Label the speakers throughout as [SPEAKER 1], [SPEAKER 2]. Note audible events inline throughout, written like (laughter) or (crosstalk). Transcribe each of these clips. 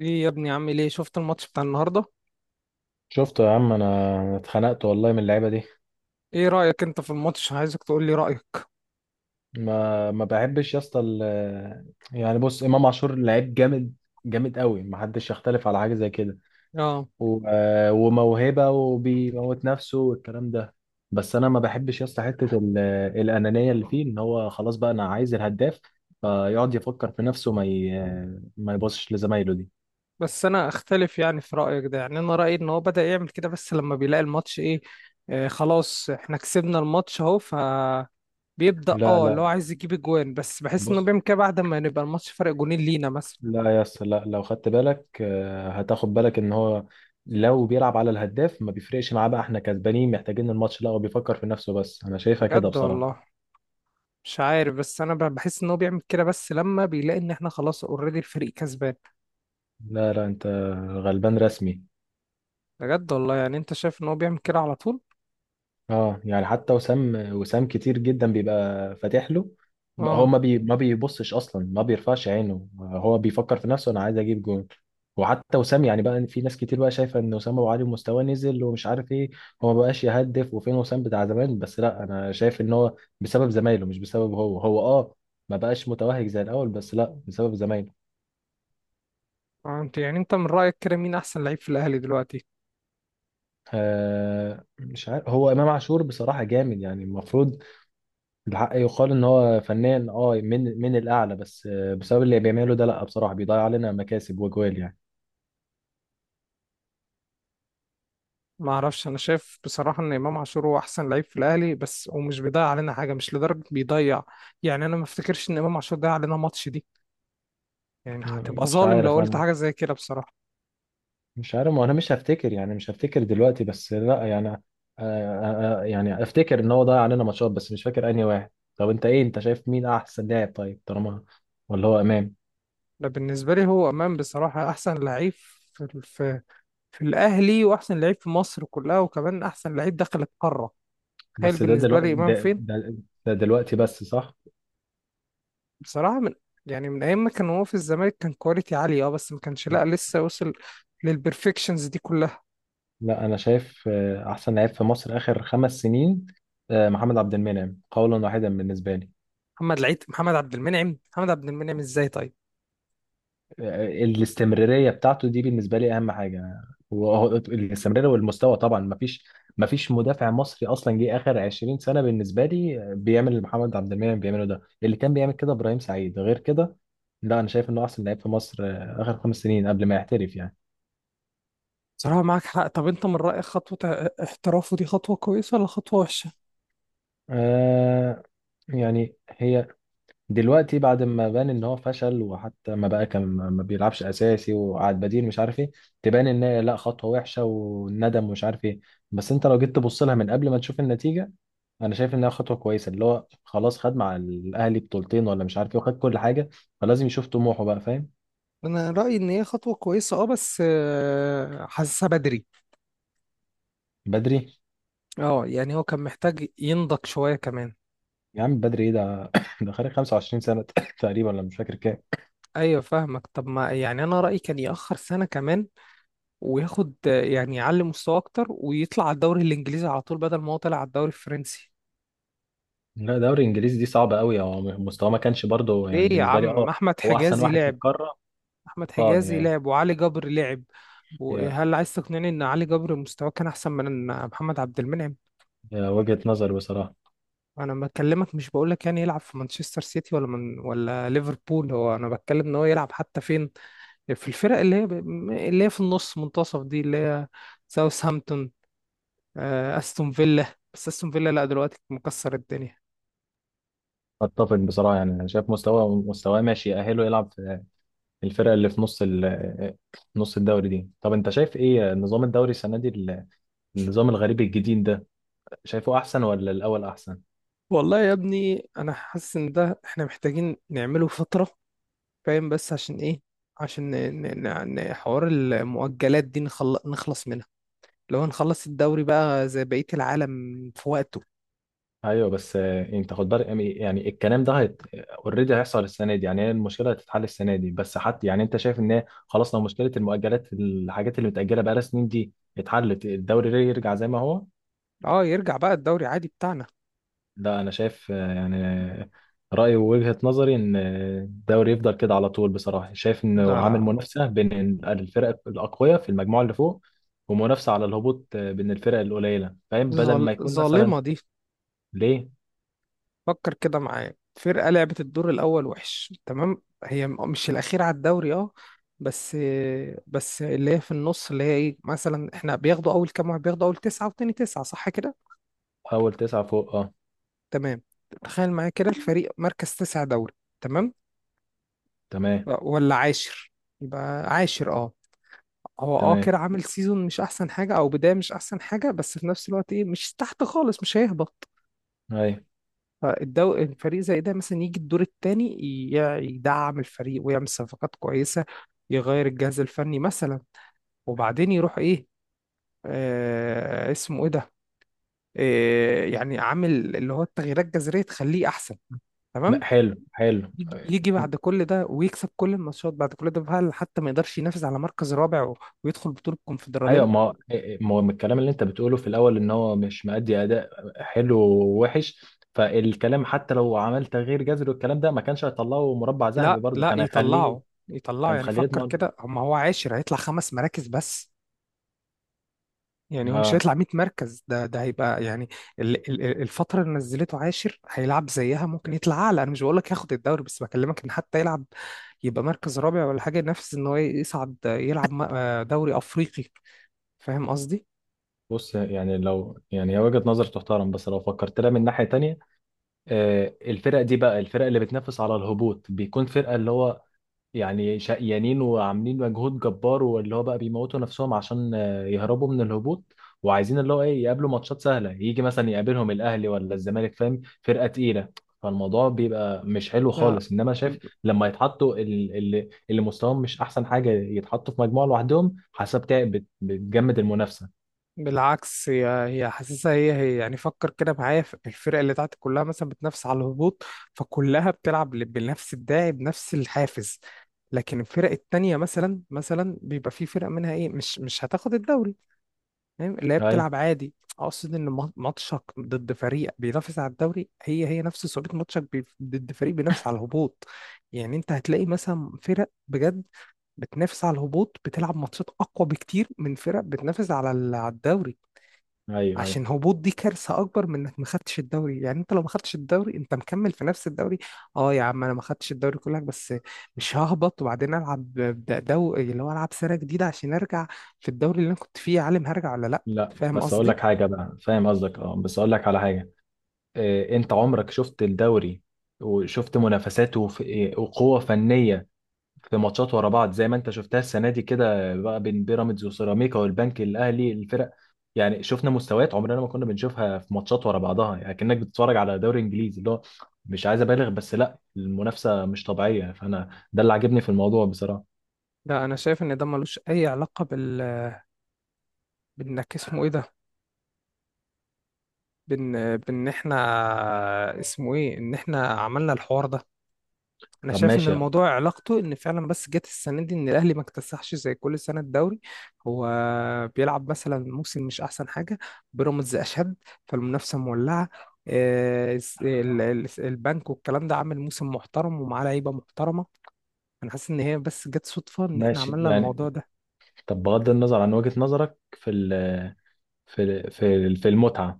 [SPEAKER 1] ايه يا ابني، عامل ايه؟ شفت الماتش بتاع النهارده؟
[SPEAKER 2] شفت يا عم، انا اتخنقت والله من اللعيبه دي.
[SPEAKER 1] ايه رأيك انت في الماتش؟ عايزك تقول لي رأيك.
[SPEAKER 2] ما بحبش يا اسطى يعني بص، امام عاشور لعيب جامد، جامد قوي. ما حدش يختلف على حاجه زي كده.
[SPEAKER 1] اه،
[SPEAKER 2] وموهبه، وبيموت نفسه والكلام ده. بس انا ما بحبش يا اسطى حته الانانيه اللي فيه، ان هو خلاص بقى انا عايز الهداف، فيقعد يفكر في نفسه، ما يبصش لزمايله دي.
[SPEAKER 1] بس انا اختلف، يعني في رأيك ده. يعني انا رأيي ان هو بدأ يعمل كده بس لما بيلاقي الماتش ايه. آه خلاص، احنا كسبنا الماتش اهو فبيبدأ.
[SPEAKER 2] لا
[SPEAKER 1] اه، اللي
[SPEAKER 2] لا.
[SPEAKER 1] هو عايز يجيب اجوان، بس بحس انه
[SPEAKER 2] بص،
[SPEAKER 1] بيعمل كده بعد ما نبقى الماتش فرق جونين لينا مثلا.
[SPEAKER 2] لا يا اسطى لا، لو خدت بالك آه، هتاخد بالك ان هو لو بيلعب على الهداف ما بيفرقش معاه بقى احنا كسبانين محتاجين الماتش، لا، هو بيفكر في نفسه بس. انا شايفها كده
[SPEAKER 1] بجد
[SPEAKER 2] بصراحة.
[SPEAKER 1] والله. مش عارف، بس انا بحس ان هو بيعمل كده بس لما بيلاقي ان احنا خلاص اوريدي الفريق كسبان.
[SPEAKER 2] لا لا، انت غلبان رسمي.
[SPEAKER 1] بجد والله؟ يعني انت شايف ان هو بيعمل كده على طول.
[SPEAKER 2] اه، يعني حتى وسام كتير جدا بيبقى فاتح له، بقى هو
[SPEAKER 1] اه.
[SPEAKER 2] ما بيبصش اصلا، ما بيرفعش عينه، هو بيفكر في نفسه، انا عايز اجيب جون. وحتى وسام، يعني بقى في ناس كتير بقى شايفه ان وسام ابو علي مستواه نزل ومش عارف ايه، هو ما بقاش يهدف، وفين وسام بتاع زمان. بس لا، انا شايف ان هو بسبب زمايله، مش بسبب هو. هو اه، ما بقاش متوهج زي الاول، بس لا، بسبب زمايله.
[SPEAKER 1] انت يعني، انت من رأيك كده مين احسن لعيب في الاهلي دلوقتي؟
[SPEAKER 2] آه، مش عارف، هو امام عاشور بصراحه جامد، يعني المفروض الحق يقال ان هو فنان، اه من الاعلى، بس آه، بسبب اللي بيعمله ده لا، بصراحه بيضيع علينا مكاسب وجوال يعني.
[SPEAKER 1] ما اعرفش، انا شايف بصراحة ان امام عاشور هو احسن لعيب في الاهلي بس، ومش بيضيع علينا حاجة، مش لدرجة بيضيع. يعني انا ما افتكرش ان امام عاشور ضيع علينا ماتش دي. يعني هتبقى
[SPEAKER 2] مش
[SPEAKER 1] ظالم لو
[SPEAKER 2] عارف
[SPEAKER 1] قلت
[SPEAKER 2] انا،
[SPEAKER 1] حاجة زي كده بصراحة.
[SPEAKER 2] مش عارف، ما انا مش هفتكر، يعني مش هفتكر دلوقتي، بس لا يعني يعني افتكر ان هو ضيع علينا ماتشات بس مش فاكر انهي واحد. طب انت ايه، انت شايف مين احسن لاعب؟ طيب طالما، ولا هو امام؟
[SPEAKER 1] لا، بالنسبة لي هو امام، بصراحة احسن لعيب في في الاهلي، واحسن لعيب في مصر كلها، وكمان احسن لعيب دخل القارة. تخيل
[SPEAKER 2] بس ده
[SPEAKER 1] بالنسبة
[SPEAKER 2] دلوقتي،
[SPEAKER 1] لي امام فين.
[SPEAKER 2] ده دلوقتي بس، صح.
[SPEAKER 1] بصراحة من، يعني من ايام ما كان هو في الزمالك كان كواليتي عالية اه، بس ما كانش، لا لسه وصل للبرفكشنز دي كلها.
[SPEAKER 2] لا، انا شايف آه، احسن لعيب في مصر اخر 5 سنين آه، محمد عبد المنعم قولا واحدا بالنسبه لي.
[SPEAKER 1] محمد العيد، محمد عبد المنعم؟ محمد عبد المنعم ازاي طيب؟
[SPEAKER 2] الاستمرارية بتاعته دي بالنسبة لي أهم حاجة، وهو الاستمرارية والمستوى طبعا. مفيش مدافع مصري أصلا جه آخر 20 سنة بالنسبة لي بيعمل اللي محمد عبد المنعم بيعمله ده. اللي كان بيعمل كده إبراهيم سعيد، غير كده لا، أنا شايف إنه أحسن لعيب في مصر آخر 5 سنين قبل ما يحترف يعني.
[SPEAKER 1] صراحة معاك حق. طب انت من رأيك خطوة احترافه دي خطوة كويسة ولا خطوة وحشة؟
[SPEAKER 2] آه، يعني هي دلوقتي بعد ما بان ان هو فشل، وحتى ما بقى، كان ما بيلعبش اساسي وقعد بديل مش عارف ايه، تبان ان هي لا، خطوه وحشه، والندم ومش عارف ايه. بس انت لو جيت تبص لها من قبل ما تشوف النتيجه، انا شايف انها خطوه كويسه. اللي هو خلاص خد مع الاهلي بطولتين ولا مش عارف ايه، وخد كل حاجه، فلازم يشوف طموحه بقى، فاهم.
[SPEAKER 1] انا رأيي ان هي خطوة كويسة اه، بس آه، حاسسها بدري.
[SPEAKER 2] بدري؟
[SPEAKER 1] اه يعني هو كان محتاج ينضج شوية كمان.
[SPEAKER 2] يا عم، بدري ايه ده؟ (coughs) ده خارج 25 سنه (laughs) (coughs) تقريبا، ولا مش فاكر كام.
[SPEAKER 1] ايوه فاهمك. طب ما يعني انا رأيي كان يأخر سنة كمان، وياخد آه، يعني يعلي مستوى اكتر ويطلع على الدوري الانجليزي على طول، بدل ما هو طلع على الدوري الفرنسي.
[SPEAKER 2] لا، دوري انجليزي دي صعبه قوي، هو مستواه ما كانش برضه،
[SPEAKER 1] ليه
[SPEAKER 2] يعني
[SPEAKER 1] يا
[SPEAKER 2] بالنسبه لي
[SPEAKER 1] عم،
[SPEAKER 2] اه.
[SPEAKER 1] احمد
[SPEAKER 2] هو احسن
[SPEAKER 1] حجازي
[SPEAKER 2] واحد في
[SPEAKER 1] لعب.
[SPEAKER 2] القاره.
[SPEAKER 1] احمد
[SPEAKER 2] اه،
[SPEAKER 1] حجازي
[SPEAKER 2] يعني
[SPEAKER 1] لعب وعلي جبر لعب. وهل عايز تقنعني ان علي جبر مستواه كان احسن من محمد عبد المنعم؟
[SPEAKER 2] هي وجهة نظر بصراحة.
[SPEAKER 1] انا بكلمك مش بقول لك يعني يلعب في مانشستر سيتي ولا من ولا ليفربول، هو انا بتكلم ان هو يلعب حتى فين، في الفرق اللي هي، اللي هي في النص منتصف دي، اللي هي ساوثهامبتون، آه، استون فيلا. بس استون فيلا لا دلوقتي مكسر الدنيا.
[SPEAKER 2] اتفق بصراحة، يعني انا شايف مستواه، مستواه ماشي يأهله يلعب في الفرقة اللي في نص نص الدوري دي. طب انت شايف ايه نظام الدوري السنة دي، النظام الغريب الجديد ده؟ شايفه احسن ولا الاول احسن؟
[SPEAKER 1] والله يا ابني انا حاسس ان ده احنا محتاجين نعمله فترة، فاهم؟ بس عشان ايه؟ عشان حوار المؤجلات دي نخلص منها. لو نخلص الدوري بقى زي بقية العالم في وقته.
[SPEAKER 2] ايوه بس آه، انت خد بالك، يعني، يعني الكلام ده هيت اوريدي هيحصل السنة دي، يعني هي المشكلة هتتحل السنة دي بس. حتى، يعني انت شايف ان هي خلاص لو مشكلة المؤجلات، الحاجات اللي متأجلة بقالها سنين دي، اتحلت، الدوري يرجع زي ما هو؟
[SPEAKER 1] اه يرجع بقى الدوري عادي بتاعنا.
[SPEAKER 2] لا، انا شايف آه، يعني رايي ووجهه نظري ان الدوري يفضل كده على طول. بصراحه شايف انه
[SPEAKER 1] لا
[SPEAKER 2] عامل
[SPEAKER 1] لا،
[SPEAKER 2] منافسه بين الفرق الاقوياء في المجموعه اللي فوق، ومنافسه على الهبوط آه، بين الفرق القليله فاهم، بدل ما يكون مثلا.
[SPEAKER 1] ظالمة دي.
[SPEAKER 2] ليه؟
[SPEAKER 1] فكر كده معايا، فرقة لعبت الدور الأول وحش تمام، هي مش الأخير على الدوري اه، بس. بس اللي هي في النص، اللي هي ايه، مثلا احنا بياخدوا أول كام واحد، بياخدوا أول تسعة وتاني تسعة، صح كده؟
[SPEAKER 2] اول 9 فوق، اه.
[SPEAKER 1] تمام. تخيل معايا كده الفريق مركز تسعة دوري، تمام،
[SPEAKER 2] تمام.
[SPEAKER 1] ولا عاشر. يبقى عاشر اه. هو اه
[SPEAKER 2] تمام.
[SPEAKER 1] كده عامل سيزون مش احسن حاجه او بدايه مش احسن حاجه، بس في نفس الوقت ايه، مش تحت خالص، مش هيهبط.
[SPEAKER 2] اي.
[SPEAKER 1] فالدو الفريق زي ده مثلا يجي الدور الثاني، يدعم الفريق ويعمل صفقات كويسه، يغير الجهاز الفني مثلا، وبعدين يروح ايه، آه اسمه ايه ده، آه يعني عامل اللي هو التغييرات الجذريه تخليه احسن. تمام.
[SPEAKER 2] حلو، حلو.
[SPEAKER 1] يجي يجي بعد كل ده ويكسب كل الماتشات بعد كل ده، هل حتى ما يقدرش ينافس على مركز رابع و-، ويدخل بطولة
[SPEAKER 2] ايوه،
[SPEAKER 1] الكونفدرالية؟
[SPEAKER 2] ما هو من الكلام اللي انت بتقوله في الاول ان هو مش مأدي اداء حلو ووحش، فالكلام، حتى لو عمل تغيير جذري والكلام ده ما كانش هيطلعه مربع ذهبي،
[SPEAKER 1] لا
[SPEAKER 2] برضه
[SPEAKER 1] لا
[SPEAKER 2] كان هيخليه،
[SPEAKER 1] يطلعه، يطلعه.
[SPEAKER 2] كان
[SPEAKER 1] يعني
[SPEAKER 2] خليه
[SPEAKER 1] فكر
[SPEAKER 2] يضمن.
[SPEAKER 1] كده، هم هو عاشر هيطلع خمس مراكز بس. يعني هو مش
[SPEAKER 2] اه،
[SPEAKER 1] هيطلع 100 مركز، ده هيبقى يعني الفترة اللي نزلته عاشر هيلعب زيها، ممكن يطلع اعلى. انا مش بقول لك ياخد الدوري، بس بكلمك ان حتى يلعب، يبقى مركز رابع ولا حاجة، ينافس ان هو يصعد يلعب آه دوري افريقي. فاهم قصدي؟
[SPEAKER 2] بص يعني، لو، يعني هي وجهة نظر تحترم، بس لو فكرت لها من ناحية تانية آه، الفرق دي بقى، الفرق اللي بتنافس على الهبوط بيكون فرقة اللي هو، يعني شقيانين وعاملين مجهود جبار واللي هو بقى بيموتوا نفسهم عشان آه، يهربوا من الهبوط، وعايزين اللي هو ايه يقابلوا ماتشات سهله، يجي مثلا يقابلهم الاهلي ولا الزمالك فاهم، فرقه تقيله، فالموضوع بيبقى مش حلو
[SPEAKER 1] لا
[SPEAKER 2] خالص. انما شايف، لما يتحطوا اللي مستواهم مش احسن حاجه يتحطوا في مجموعه لوحدهم، حسب بتجمد المنافسه.
[SPEAKER 1] بالعكس، هي حاسسها. هي يعني، فكر كده معايا، في الفرق اللي تحت كلها مثلا بتنافس على الهبوط، فكلها بتلعب بنفس الداعي بنفس الحافز. لكن الفرق التانية مثلا، مثلا بيبقى في فرق منها ايه، مش مش هتاخد الدوري فاهم، اللي هي
[SPEAKER 2] اي،
[SPEAKER 1] بتلعب عادي. اقصد ان ماتشك ضد فريق بينافس على الدوري هي نفس صعوبة ماتشك ضد فريق بينافس على الهبوط. يعني انت هتلاقي مثلا فرق بجد بتنافس على الهبوط بتلعب ماتشات اقوى بكتير من فرق بتنافس على على الدوري.
[SPEAKER 2] ايوه ايوه.
[SPEAKER 1] عشان هبوط دي كارثه اكبر من انك ما خدتش الدوري. يعني انت لو ما خدتش الدوري انت مكمل في نفس الدوري. اه يا عم، انا ما خدتش الدوري كلك بس، مش ههبط. وبعدين العب دو اللي هو، العب سيره جديده عشان ارجع في الدوري اللي انا كنت فيه يا عالم، هرجع ولا لا.
[SPEAKER 2] لا
[SPEAKER 1] فاهم
[SPEAKER 2] بس اقول لك
[SPEAKER 1] قصدي؟
[SPEAKER 2] حاجه بقى، فاهم قصدك اه، بس اقول لك على حاجه آه، انت عمرك شفت الدوري، وشفت منافساته وقوة فنية في ماتشات ورا بعض زي ما انت شفتها السنة دي كده بقى، بين بيراميدز وسيراميكا والبنك الأهلي، الفرق. يعني شفنا مستويات عمرنا ما كنا بنشوفها في ماتشات ورا بعضها، يعني كأنك بتتفرج على دوري انجليزي اللي هو، مش عايز ابالغ بس لا، المنافسة مش طبيعية، فانا ده اللي عاجبني في الموضوع بصراحة.
[SPEAKER 1] لا، انا شايف ان ده ملوش اي علاقه بال، بانك اسمه ايه ده، بان احنا اسمه ايه ان احنا عملنا الحوار ده. انا
[SPEAKER 2] طب
[SPEAKER 1] شايف ان
[SPEAKER 2] ماشي،
[SPEAKER 1] الموضوع علاقته ان فعلا بس جت السنه دي ان الاهلي ما اكتسحش زي كل سنه الدوري. هو بيلعب مثلا موسم مش احسن حاجه، بيراميدز اشد، فالمنافسه مولعه. آه، البنك والكلام ده عامل موسم محترم ومعاه لعيبه محترمه. انا حاسس ان هي بس جت صدفه ان احنا
[SPEAKER 2] ماشي
[SPEAKER 1] عملنا
[SPEAKER 2] يعني.
[SPEAKER 1] الموضوع ده.
[SPEAKER 2] طب بغض النظر عن وجهة نظرك في ال في في المتعة،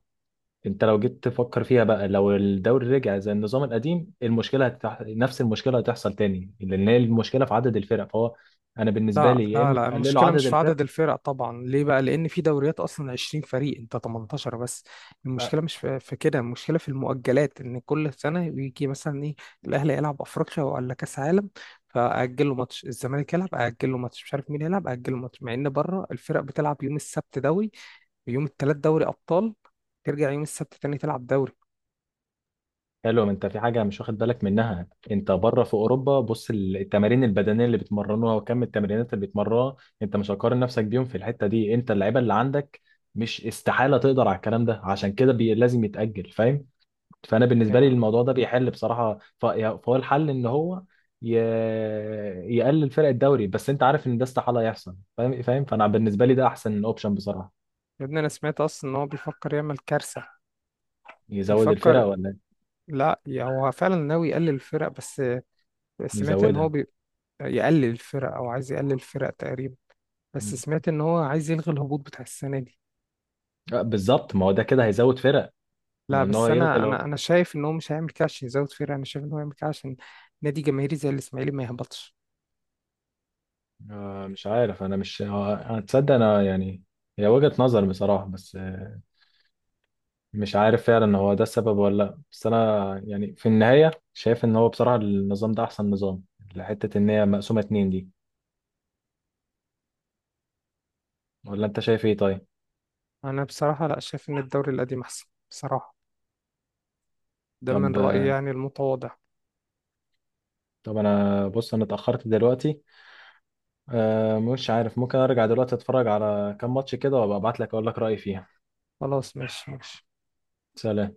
[SPEAKER 2] انت لو جيت تفكر فيها بقى، لو الدوري رجع زي النظام القديم، نفس المشكله هتحصل تاني، لان هي المشكله في عدد الفرق، فهو انا بالنسبه
[SPEAKER 1] لا
[SPEAKER 2] لي، يا
[SPEAKER 1] لا
[SPEAKER 2] اما
[SPEAKER 1] لا،
[SPEAKER 2] تقللوا
[SPEAKER 1] المشكلة
[SPEAKER 2] عدد
[SPEAKER 1] مش في
[SPEAKER 2] الفرق
[SPEAKER 1] عدد الفرق طبعا. ليه بقى؟ لأن في دوريات أصلا 20 فريق، أنت 18 بس.
[SPEAKER 2] آه،
[SPEAKER 1] المشكلة مش في كده، المشكلة في المؤجلات، إن كل سنة يجي مثلا إيه، الأهلي يلعب أفريقيا ولا كأس عالم، فأجل له ماتش، الزمالك يلعب أجل له ماتش، مش عارف مين يلعب أجل له ماتش، مع إن بره الفرق بتلعب يوم السبت دوري، ويوم التلات دوري أبطال، ترجع يوم السبت تاني تلعب دوري.
[SPEAKER 2] حلو. انت في حاجه مش واخد بالك منها، انت بره في اوروبا بص التمارين البدنيه اللي بيتمرنوها، وكم التمرينات اللي بيتمرنوها، انت مش هتقارن نفسك بيهم في الحته دي. انت اللعيبه اللي عندك مش استحاله تقدر على الكلام ده، عشان كده لازم يتاجل، فاهم؟ فانا بالنسبه لي
[SPEAKER 1] يا
[SPEAKER 2] الموضوع ده بيحل بصراحه، فهو الحل ان هو ي... يقلل فرق الدوري، بس انت عارف ان ده استحاله يحصل، فاهم، فاهم، فانا بالنسبه لي ده احسن اوبشن بصراحه.
[SPEAKER 1] يا ابني أنا سمعت أصلا إن هو بيفكر يعمل كارثة.
[SPEAKER 2] يزود الفرق
[SPEAKER 1] بيفكر،
[SPEAKER 2] ولا إيه؟
[SPEAKER 1] لا يا، هو فعلا ناوي يقلل الفرق بس. سمعت ان هو
[SPEAKER 2] يزودها.
[SPEAKER 1] يقلل الفرق، او عايز يقلل الفرق تقريبا. بس
[SPEAKER 2] مم.
[SPEAKER 1] سمعت ان هو عايز يلغي الهبوط بتاع السنه دي.
[SPEAKER 2] آه، بالظبط، ما هو ده كده هيزود فرق. ما هو
[SPEAKER 1] لا
[SPEAKER 2] ان هو
[SPEAKER 1] بس
[SPEAKER 2] يلغي
[SPEAKER 1] انا،
[SPEAKER 2] لو...
[SPEAKER 1] انا شايف ان هو مش هيعمل كده عشان يزود فرق. انا شايف ان هو هيعمل كده عشان نادي جماهيري زي الاسماعيلي ما يهبطش.
[SPEAKER 2] آه، مش عارف انا، مش آه، هتصدق انا يعني، هي وجهه نظر بصراحه بس آه، مش عارف فعلا هو ده السبب ولا لا، بس انا يعني في النهايه شايف ان هو بصراحه النظام ده احسن نظام، لحته ان هي مقسومه 2 دي. ولا انت شايف ايه؟ طيب.
[SPEAKER 1] انا بصراحه لا شايف ان الدوري القديم احسن بصراحه. ده من
[SPEAKER 2] طب
[SPEAKER 1] رايي يعني المتواضع.
[SPEAKER 2] طب انا، بص، انا اتاخرت دلوقتي، أه مش عارف، ممكن ارجع دلوقتي اتفرج على كام ماتش كده، وابقى ابعت لك اقول لك رايي فيها.
[SPEAKER 1] خلاص ماشي ماشي.
[SPEAKER 2] سلام.